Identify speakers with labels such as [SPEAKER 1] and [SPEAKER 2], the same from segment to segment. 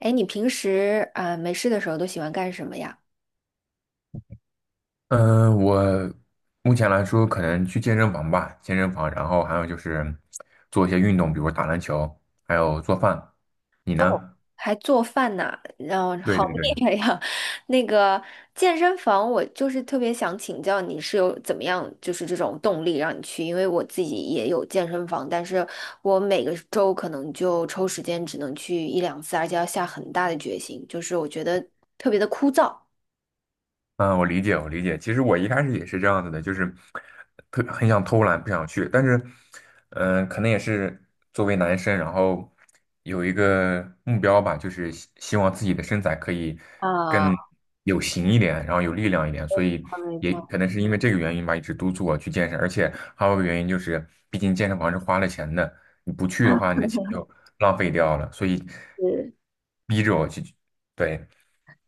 [SPEAKER 1] 哎，你平时啊、没事的时候都喜欢干什么呀？
[SPEAKER 2] 嗯，我目前来说可能去健身房吧，健身房，然后还有就是做一些运动，比如打篮球，还有做饭。你
[SPEAKER 1] 哦，
[SPEAKER 2] 呢？
[SPEAKER 1] 还做饭呢，然后
[SPEAKER 2] 对
[SPEAKER 1] 好
[SPEAKER 2] 对对。
[SPEAKER 1] 厉害呀！那个健身房，我就是特别想请教你是有怎么样，就是这种动力让你去，因为我自己也有健身房，但是我每个周可能就抽时间只能去一两次，而且要下很大的决心，就是我觉得特别的枯燥。
[SPEAKER 2] 嗯，我理解，我理解。其实我一开始也是这样子的，就是特很想偷懒，不想去。但是，可能也是作为男生，然后有一个目标吧，就是希望自己的身材可以
[SPEAKER 1] 啊，
[SPEAKER 2] 更有型一点，然后有力量一点。所以
[SPEAKER 1] 没
[SPEAKER 2] 也
[SPEAKER 1] 错。
[SPEAKER 2] 可能是因为这个原因吧，一直督促我去健身。而且还有一个原因就是，毕竟健身房是花了钱的，你不去的话，你的钱就浪费掉了。所以
[SPEAKER 1] 是
[SPEAKER 2] 逼着我去，对，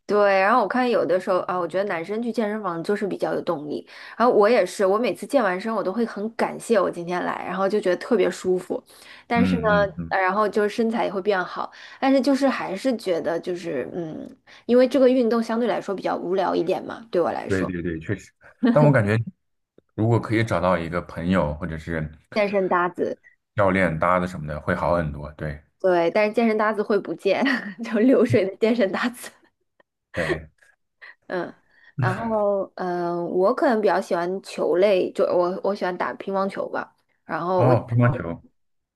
[SPEAKER 1] 对，然后我看有的时候啊，我觉得男生去健身房就是比较有动力。然后我也是，我每次健完身，我都会很感谢我今天来，然后就觉得特别舒服。但是呢，
[SPEAKER 2] 嗯嗯嗯。
[SPEAKER 1] 然后就是身材也会变好，但是就是还是觉得就是因为这个运动相对来说比较无聊一点嘛，对我来
[SPEAKER 2] 对
[SPEAKER 1] 说，
[SPEAKER 2] 对对，确实。但我感觉，如果可以找到一个朋友或者是
[SPEAKER 1] 健身搭子，
[SPEAKER 2] 教练搭的什么的，会好很多。对
[SPEAKER 1] 对，但是健身搭子会不见，就流水的健身搭子。
[SPEAKER 2] 对，
[SPEAKER 1] 嗯，然后我可能比较喜欢球类，就我喜欢打乒乓球吧。然后我
[SPEAKER 2] 哦，乒乓球，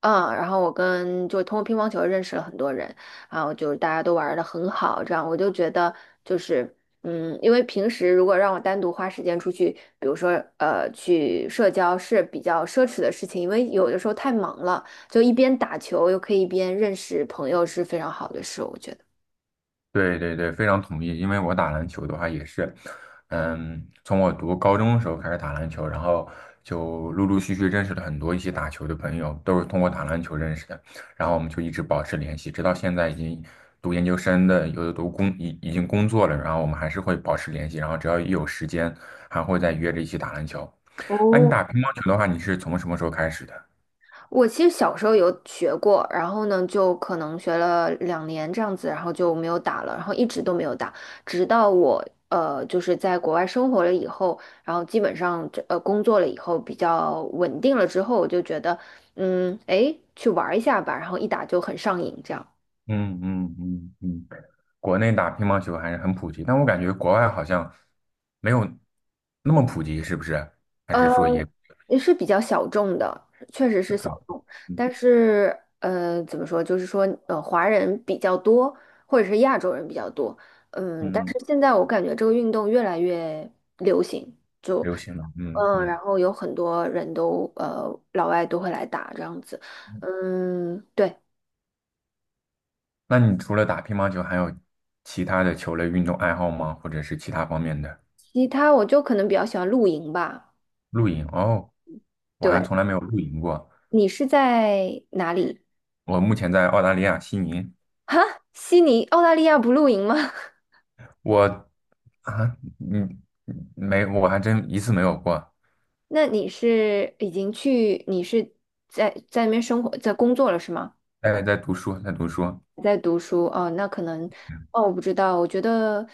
[SPEAKER 1] 嗯，然后我跟就通过乒乓球认识了很多人，然后就是大家都玩的很好，这样我就觉得就是因为平时如果让我单独花时间出去，比如说去社交是比较奢侈的事情，因为有的时候太忙了，就一边打球又可以一边认识朋友是非常好的事，我觉得。
[SPEAKER 2] 对对对，非常同意。因为我打篮球的话也是，嗯，从我读高中的时候开始打篮球，然后就陆陆续续认识了很多一起打球的朋友，都是通过打篮球认识的。然后我们就一直保持联系，直到现在已经读研究生的，有的读工已已经工作了，然后我们还是会保持联系，然后只要一有时间，还会再约着一起打篮球。那你
[SPEAKER 1] 哦，
[SPEAKER 2] 打乒乓球的话，你是从什么时候开始的？
[SPEAKER 1] 我其实小时候有学过，然后呢，就可能学了2年这样子，然后就没有打了，然后一直都没有打，直到我就是在国外生活了以后，然后基本上工作了以后比较稳定了之后，我就觉得去玩儿一下吧，然后一打就很上瘾这样。
[SPEAKER 2] 嗯嗯嗯嗯。国内打乒乓球还是很普及，但我感觉国外好像没有那么普及，是不是？还
[SPEAKER 1] 呃
[SPEAKER 2] 是说也
[SPEAKER 1] 也是比较小众的，确实是
[SPEAKER 2] 小
[SPEAKER 1] 小
[SPEAKER 2] 众？
[SPEAKER 1] 众。
[SPEAKER 2] 嗯
[SPEAKER 1] 但是，怎么说，就是说，华人比较多，或者是亚洲人比较多。嗯，但
[SPEAKER 2] 嗯，
[SPEAKER 1] 是现在我感觉这个运动越来越流行，就
[SPEAKER 2] 流行了。嗯
[SPEAKER 1] 然
[SPEAKER 2] 嗯，
[SPEAKER 1] 后有很多人老外都会来打这样子。嗯，对。
[SPEAKER 2] 那你除了打乒乓球，还有其他的球类运动爱好吗？或者是其他方面的
[SPEAKER 1] 其他我就可能比较喜欢露营吧。
[SPEAKER 2] 露营？哦，我还
[SPEAKER 1] 对，
[SPEAKER 2] 从来没有露营过。
[SPEAKER 1] 你是在哪里？
[SPEAKER 2] 我目前在澳大利亚悉尼，
[SPEAKER 1] 哈，悉尼，澳大利亚不露营吗？
[SPEAKER 2] 我啊，嗯，没，我还真一次没有过。
[SPEAKER 1] 那你是已经去，你是在那边生活，在工作了是吗？
[SPEAKER 2] 哎，在读书，在读书。
[SPEAKER 1] 在读书哦，那可能哦，我不知道。我觉得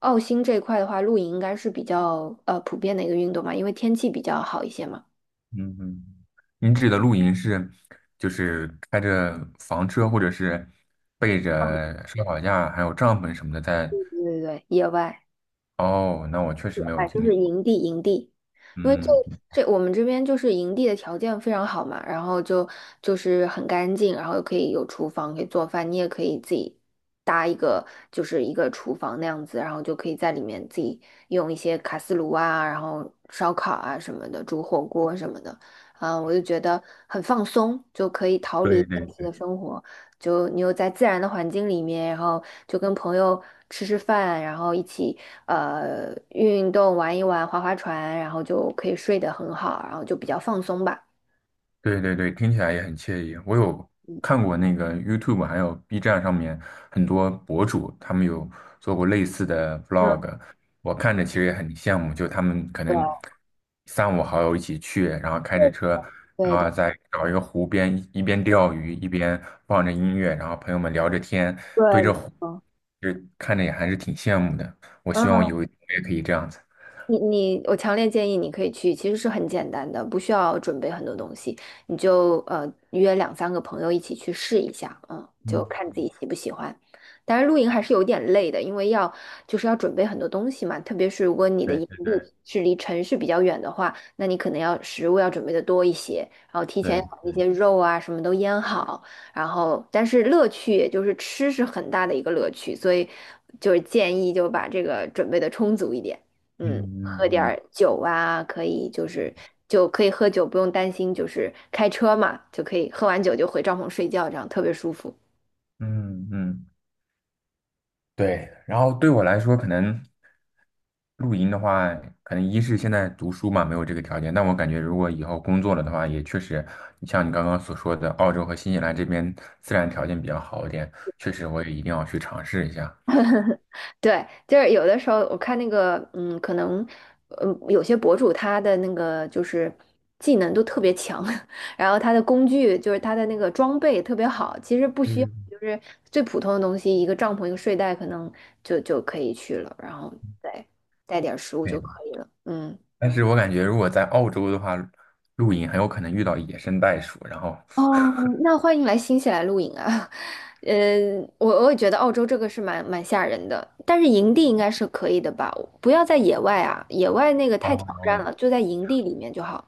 [SPEAKER 1] 澳新这一块的话，露营应该是比较普遍的一个运动嘛，因为天气比较好一些嘛。
[SPEAKER 2] 嗯嗯，您指的露营是就是开着房车，或者是背着烧烤架，还有帐篷什么的在。
[SPEAKER 1] 对对对，野外。
[SPEAKER 2] 哦，那我确实没有
[SPEAKER 1] 哎，就
[SPEAKER 2] 经历
[SPEAKER 1] 是
[SPEAKER 2] 过。
[SPEAKER 1] 营地，营地，因为这
[SPEAKER 2] 嗯，
[SPEAKER 1] 这我们这边就是营地的条件非常好嘛，然后就是很干净，然后又可以有厨房可以做饭，你也可以自己搭一个就是一个厨房那样子，然后就可以在里面自己用一些卡斯炉啊，然后烧烤啊什么的，煮火锅什么的，我就觉得很放松，就可以逃离
[SPEAKER 2] 对对
[SPEAKER 1] 现实的生活。就你又在自然的环境里面，然后就跟朋友吃吃饭，然后一起运动、玩一玩、划划船，然后就可以睡得很好，然后就比较放松吧。
[SPEAKER 2] 对对对，听起来也很惬意。我有
[SPEAKER 1] 嗯，
[SPEAKER 2] 看过那个 YouTube 还有 B 站上面很多博主，他们有做过类似的
[SPEAKER 1] 嗯，
[SPEAKER 2] vlog，我看着其实也很羡慕，就他们可能
[SPEAKER 1] 对
[SPEAKER 2] 三五好友一起去，然后开
[SPEAKER 1] 对
[SPEAKER 2] 着车，然
[SPEAKER 1] 对
[SPEAKER 2] 后
[SPEAKER 1] 对，
[SPEAKER 2] 再找一个湖边，一边钓鱼一边放着音乐，然后朋友们聊着天，对
[SPEAKER 1] 对没
[SPEAKER 2] 着湖，
[SPEAKER 1] 错
[SPEAKER 2] 就看着也还是挺羡慕的。我希望
[SPEAKER 1] 嗯。
[SPEAKER 2] 有一天我也可以这样子。
[SPEAKER 1] 你，我强烈建议你可以去，其实是很简单的，不需要准备很多东西，你就约两三个朋友一起去试一下，嗯，就
[SPEAKER 2] 嗯，
[SPEAKER 1] 看自己喜不喜欢。当然，露营还是有点累的，因为要就是要准备很多东西嘛，特别是如果你的
[SPEAKER 2] 对
[SPEAKER 1] 营地是离城市比较远的话，那你可能要食物要准备的多一些，然后提前要
[SPEAKER 2] 对，
[SPEAKER 1] 把那些肉啊什么都腌好，然后但是乐趣也就是吃是很大的一个乐趣，所以就是建议就把这个准备的充足一点。
[SPEAKER 2] 嗯
[SPEAKER 1] 嗯，
[SPEAKER 2] 嗯
[SPEAKER 1] 喝点
[SPEAKER 2] 嗯。
[SPEAKER 1] 儿酒啊，可以就是可以喝酒，不用担心就是开车嘛，就可以喝完酒就回帐篷睡觉，这样特别舒服。
[SPEAKER 2] 嗯嗯。对，然后对我来说，可能露营的话，可能一是现在读书嘛，没有这个条件。但我感觉，如果以后工作了的话，也确实，你像你刚刚所说的，澳洲和新西兰这边自然条件比较好一点，确实我也一定要去尝试一下。
[SPEAKER 1] 对，就是有的时候我看那个，可能，有些博主他的那个就是技能都特别强，然后他的工具就是他的那个装备特别好，其实不需要
[SPEAKER 2] 嗯，
[SPEAKER 1] 就是最普通的东西，一个帐篷一个睡袋可能就可以去了，然后再带点儿食物就
[SPEAKER 2] 对，
[SPEAKER 1] 可以了，嗯。
[SPEAKER 2] 但是我感觉如果在澳洲的话，露营很有可能遇到野生袋鼠，然后
[SPEAKER 1] 哦，那欢迎来新西兰露营啊！我也觉得澳洲这个是蛮吓人的，但是营地应该是可以的吧？不要在野外啊，野外那个太挑战
[SPEAKER 2] 哦，
[SPEAKER 1] 了，就在营地里面就好。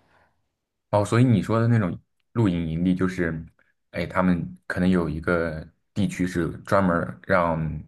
[SPEAKER 2] 哦，所以你说的那种露营营地，就是，哎，他们可能有一个地区是专门儿让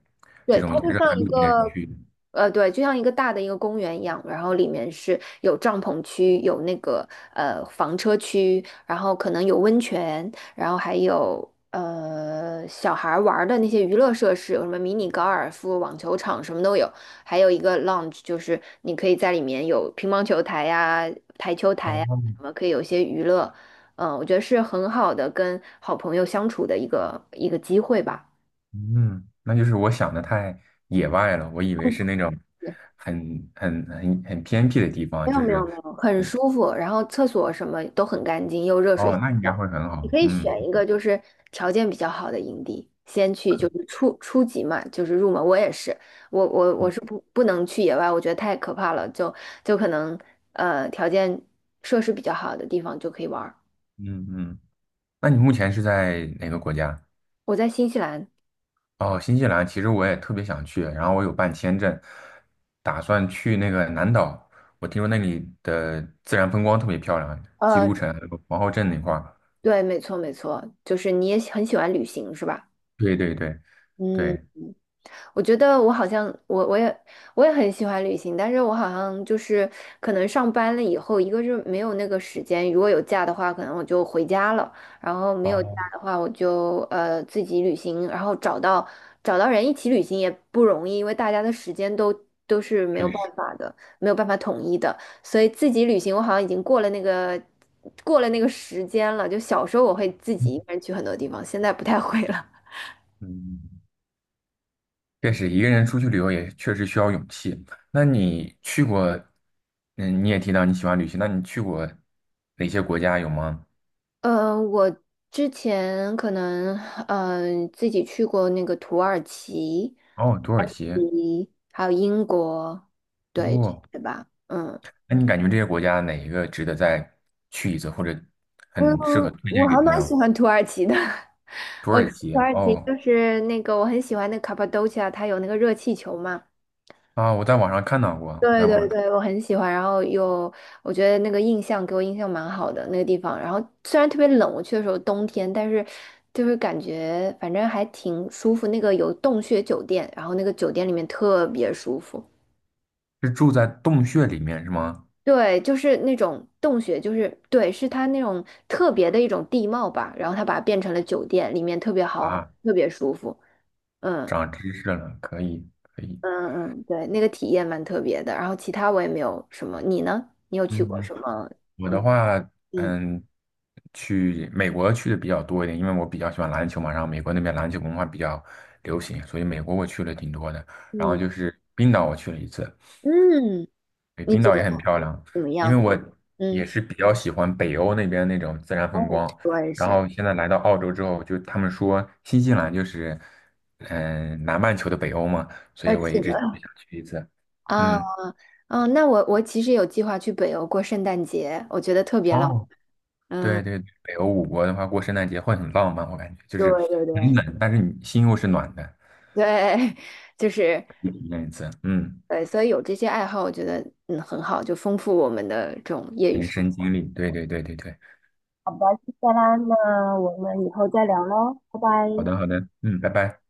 [SPEAKER 2] 这
[SPEAKER 1] 对，它
[SPEAKER 2] 种
[SPEAKER 1] 就
[SPEAKER 2] 热
[SPEAKER 1] 像
[SPEAKER 2] 爱
[SPEAKER 1] 一
[SPEAKER 2] 露营的人
[SPEAKER 1] 个，
[SPEAKER 2] 去的
[SPEAKER 1] 对，就像一个大的一个公园一样，然后里面是有帐篷区，有那个房车区，然后可能有温泉，然后还有小孩儿玩儿的那些娱乐设施，有什么迷你高尔夫、网球场什么都有，还有一个 lounge，就是你可以在里面有乒乓球台呀、台球台呀，
[SPEAKER 2] 哦，
[SPEAKER 1] 什么可以有一些娱乐，我觉得是很好的跟好朋友相处的一个机会吧。
[SPEAKER 2] 嗯，那就是我想的太野外了，我以为是那种
[SPEAKER 1] 对。
[SPEAKER 2] 很偏僻的地方，
[SPEAKER 1] 没有
[SPEAKER 2] 就
[SPEAKER 1] 没有
[SPEAKER 2] 是，
[SPEAKER 1] 没有，很
[SPEAKER 2] 嗯
[SPEAKER 1] 舒服，然后厕所什么都很干净，又热水
[SPEAKER 2] 哦，
[SPEAKER 1] 洗
[SPEAKER 2] 那应该会
[SPEAKER 1] 澡。
[SPEAKER 2] 很
[SPEAKER 1] 你
[SPEAKER 2] 好，
[SPEAKER 1] 可以
[SPEAKER 2] 嗯，
[SPEAKER 1] 选一个就是条件比较好的营地，先去就
[SPEAKER 2] 可，
[SPEAKER 1] 是初级嘛，就是入门。我也是，我
[SPEAKER 2] 嗯
[SPEAKER 1] 是不能去野外，我觉得太可怕了，就可能条件设施比较好的地方就可以玩儿。
[SPEAKER 2] 嗯嗯，那你目前是在哪个国家？
[SPEAKER 1] 我在新西兰，
[SPEAKER 2] 哦，新西兰其实我也特别想去，然后我有办签证，打算去那个南岛。我听说那里的自然风光特别漂亮，基
[SPEAKER 1] 呃，
[SPEAKER 2] 督城、皇后镇那块儿。
[SPEAKER 1] 对，没错没错，就是你也很喜欢旅行是吧？
[SPEAKER 2] 对对对
[SPEAKER 1] 嗯。
[SPEAKER 2] 对，
[SPEAKER 1] 我觉得我好像我也很喜欢旅行，但是我好像就是可能上班了以后，一个是没有那个时间，如果有假的话，可能我就回家了，然后没有假
[SPEAKER 2] 哦，
[SPEAKER 1] 的话，我就自己旅行，然后找到人一起旅行也不容易，因为大家的时间都是没
[SPEAKER 2] 确
[SPEAKER 1] 有
[SPEAKER 2] 实，
[SPEAKER 1] 办法的，没有办法统一的，所以自己旅行我好像已经过了那个时间了，就小时候我会自己一个人去很多地方，现在不太会了。
[SPEAKER 2] 嗯，确实一个人出去旅游也确实需要勇气。那你去过，嗯，你也提到你喜欢旅行，那你去过哪些国家有吗？
[SPEAKER 1] 我之前可能自己去过那个土耳其，
[SPEAKER 2] 哦，土耳其，
[SPEAKER 1] 嗯，还有英国，对，
[SPEAKER 2] 哦，
[SPEAKER 1] 对吧？嗯
[SPEAKER 2] 那你感觉这些国家哪一个值得再去一次，或者很适合
[SPEAKER 1] 嗯，
[SPEAKER 2] 推
[SPEAKER 1] 我
[SPEAKER 2] 荐
[SPEAKER 1] 还
[SPEAKER 2] 给朋
[SPEAKER 1] 蛮
[SPEAKER 2] 友？
[SPEAKER 1] 喜欢土耳其的。
[SPEAKER 2] 土
[SPEAKER 1] 我觉
[SPEAKER 2] 耳
[SPEAKER 1] 得
[SPEAKER 2] 其
[SPEAKER 1] 土耳其
[SPEAKER 2] 哦
[SPEAKER 1] 就是那个我很喜欢那个卡帕多奇亚，它有那个热气球嘛。
[SPEAKER 2] 啊，我在网上看到过，我
[SPEAKER 1] 对
[SPEAKER 2] 在网
[SPEAKER 1] 对
[SPEAKER 2] 上看，
[SPEAKER 1] 对，我很喜欢，然后又我觉得那个印象给我印象蛮好的那个地方，然后虽然特别冷，我去的时候冬天，但是就是感觉反正还挺舒服。那个有洞穴酒店，然后那个酒店里面特别舒服，
[SPEAKER 2] 是住在洞穴里面是吗？
[SPEAKER 1] 对，就是那种洞穴，就是对，是它那种特别的一种地貌吧，然后它把它变成了酒店，里面特别好，
[SPEAKER 2] 啊，
[SPEAKER 1] 特别舒服。嗯
[SPEAKER 2] 长知识了，可以可以，
[SPEAKER 1] 嗯嗯，对，那个体验蛮特别的。然后其他我也没有什么，你呢？你有去
[SPEAKER 2] 嗯
[SPEAKER 1] 过
[SPEAKER 2] 嗯。
[SPEAKER 1] 什么？
[SPEAKER 2] 我的话，
[SPEAKER 1] 嗯
[SPEAKER 2] 嗯，去美国去的比较多一点，因为我比较喜欢篮球嘛，然后美国那边篮球文化比较流行，所以美国我去了挺多的。然后
[SPEAKER 1] 嗯
[SPEAKER 2] 就是冰岛，我去了一次，
[SPEAKER 1] 嗯，
[SPEAKER 2] 对，
[SPEAKER 1] 你
[SPEAKER 2] 冰
[SPEAKER 1] 觉
[SPEAKER 2] 岛
[SPEAKER 1] 得
[SPEAKER 2] 也很漂亮，
[SPEAKER 1] 怎么
[SPEAKER 2] 因为
[SPEAKER 1] 样？
[SPEAKER 2] 我
[SPEAKER 1] 嗯，
[SPEAKER 2] 也是比较喜欢北欧那边那种自然
[SPEAKER 1] 我
[SPEAKER 2] 风
[SPEAKER 1] 也是，
[SPEAKER 2] 光。
[SPEAKER 1] 我也
[SPEAKER 2] 然
[SPEAKER 1] 是，
[SPEAKER 2] 后现在来到澳洲之后，就他们说新西兰就是，嗯，南半球的北欧嘛，所
[SPEAKER 1] 二
[SPEAKER 2] 以
[SPEAKER 1] 十
[SPEAKER 2] 我一
[SPEAKER 1] 四
[SPEAKER 2] 直想
[SPEAKER 1] 个
[SPEAKER 2] 去一次。
[SPEAKER 1] 啊，
[SPEAKER 2] 嗯，
[SPEAKER 1] 嗯，那我其实有计划去北欧过圣诞节，我觉得特别浪漫。
[SPEAKER 2] 哦，对
[SPEAKER 1] 嗯，
[SPEAKER 2] 对，北欧五国的话，过圣诞节会很浪漫，我感觉就
[SPEAKER 1] 对
[SPEAKER 2] 是
[SPEAKER 1] 对
[SPEAKER 2] 很
[SPEAKER 1] 对
[SPEAKER 2] 冷，但是你心又是暖的，
[SPEAKER 1] 对，就是
[SPEAKER 2] 体验一次，嗯，
[SPEAKER 1] 对，所以有这些爱好，我觉得很好，就丰富我们的这种业余
[SPEAKER 2] 人
[SPEAKER 1] 生
[SPEAKER 2] 生
[SPEAKER 1] 活。
[SPEAKER 2] 经历，对对对对对，
[SPEAKER 1] 再啦，那我们以后再聊喽，拜
[SPEAKER 2] 好
[SPEAKER 1] 拜。
[SPEAKER 2] 的好的，嗯，拜拜。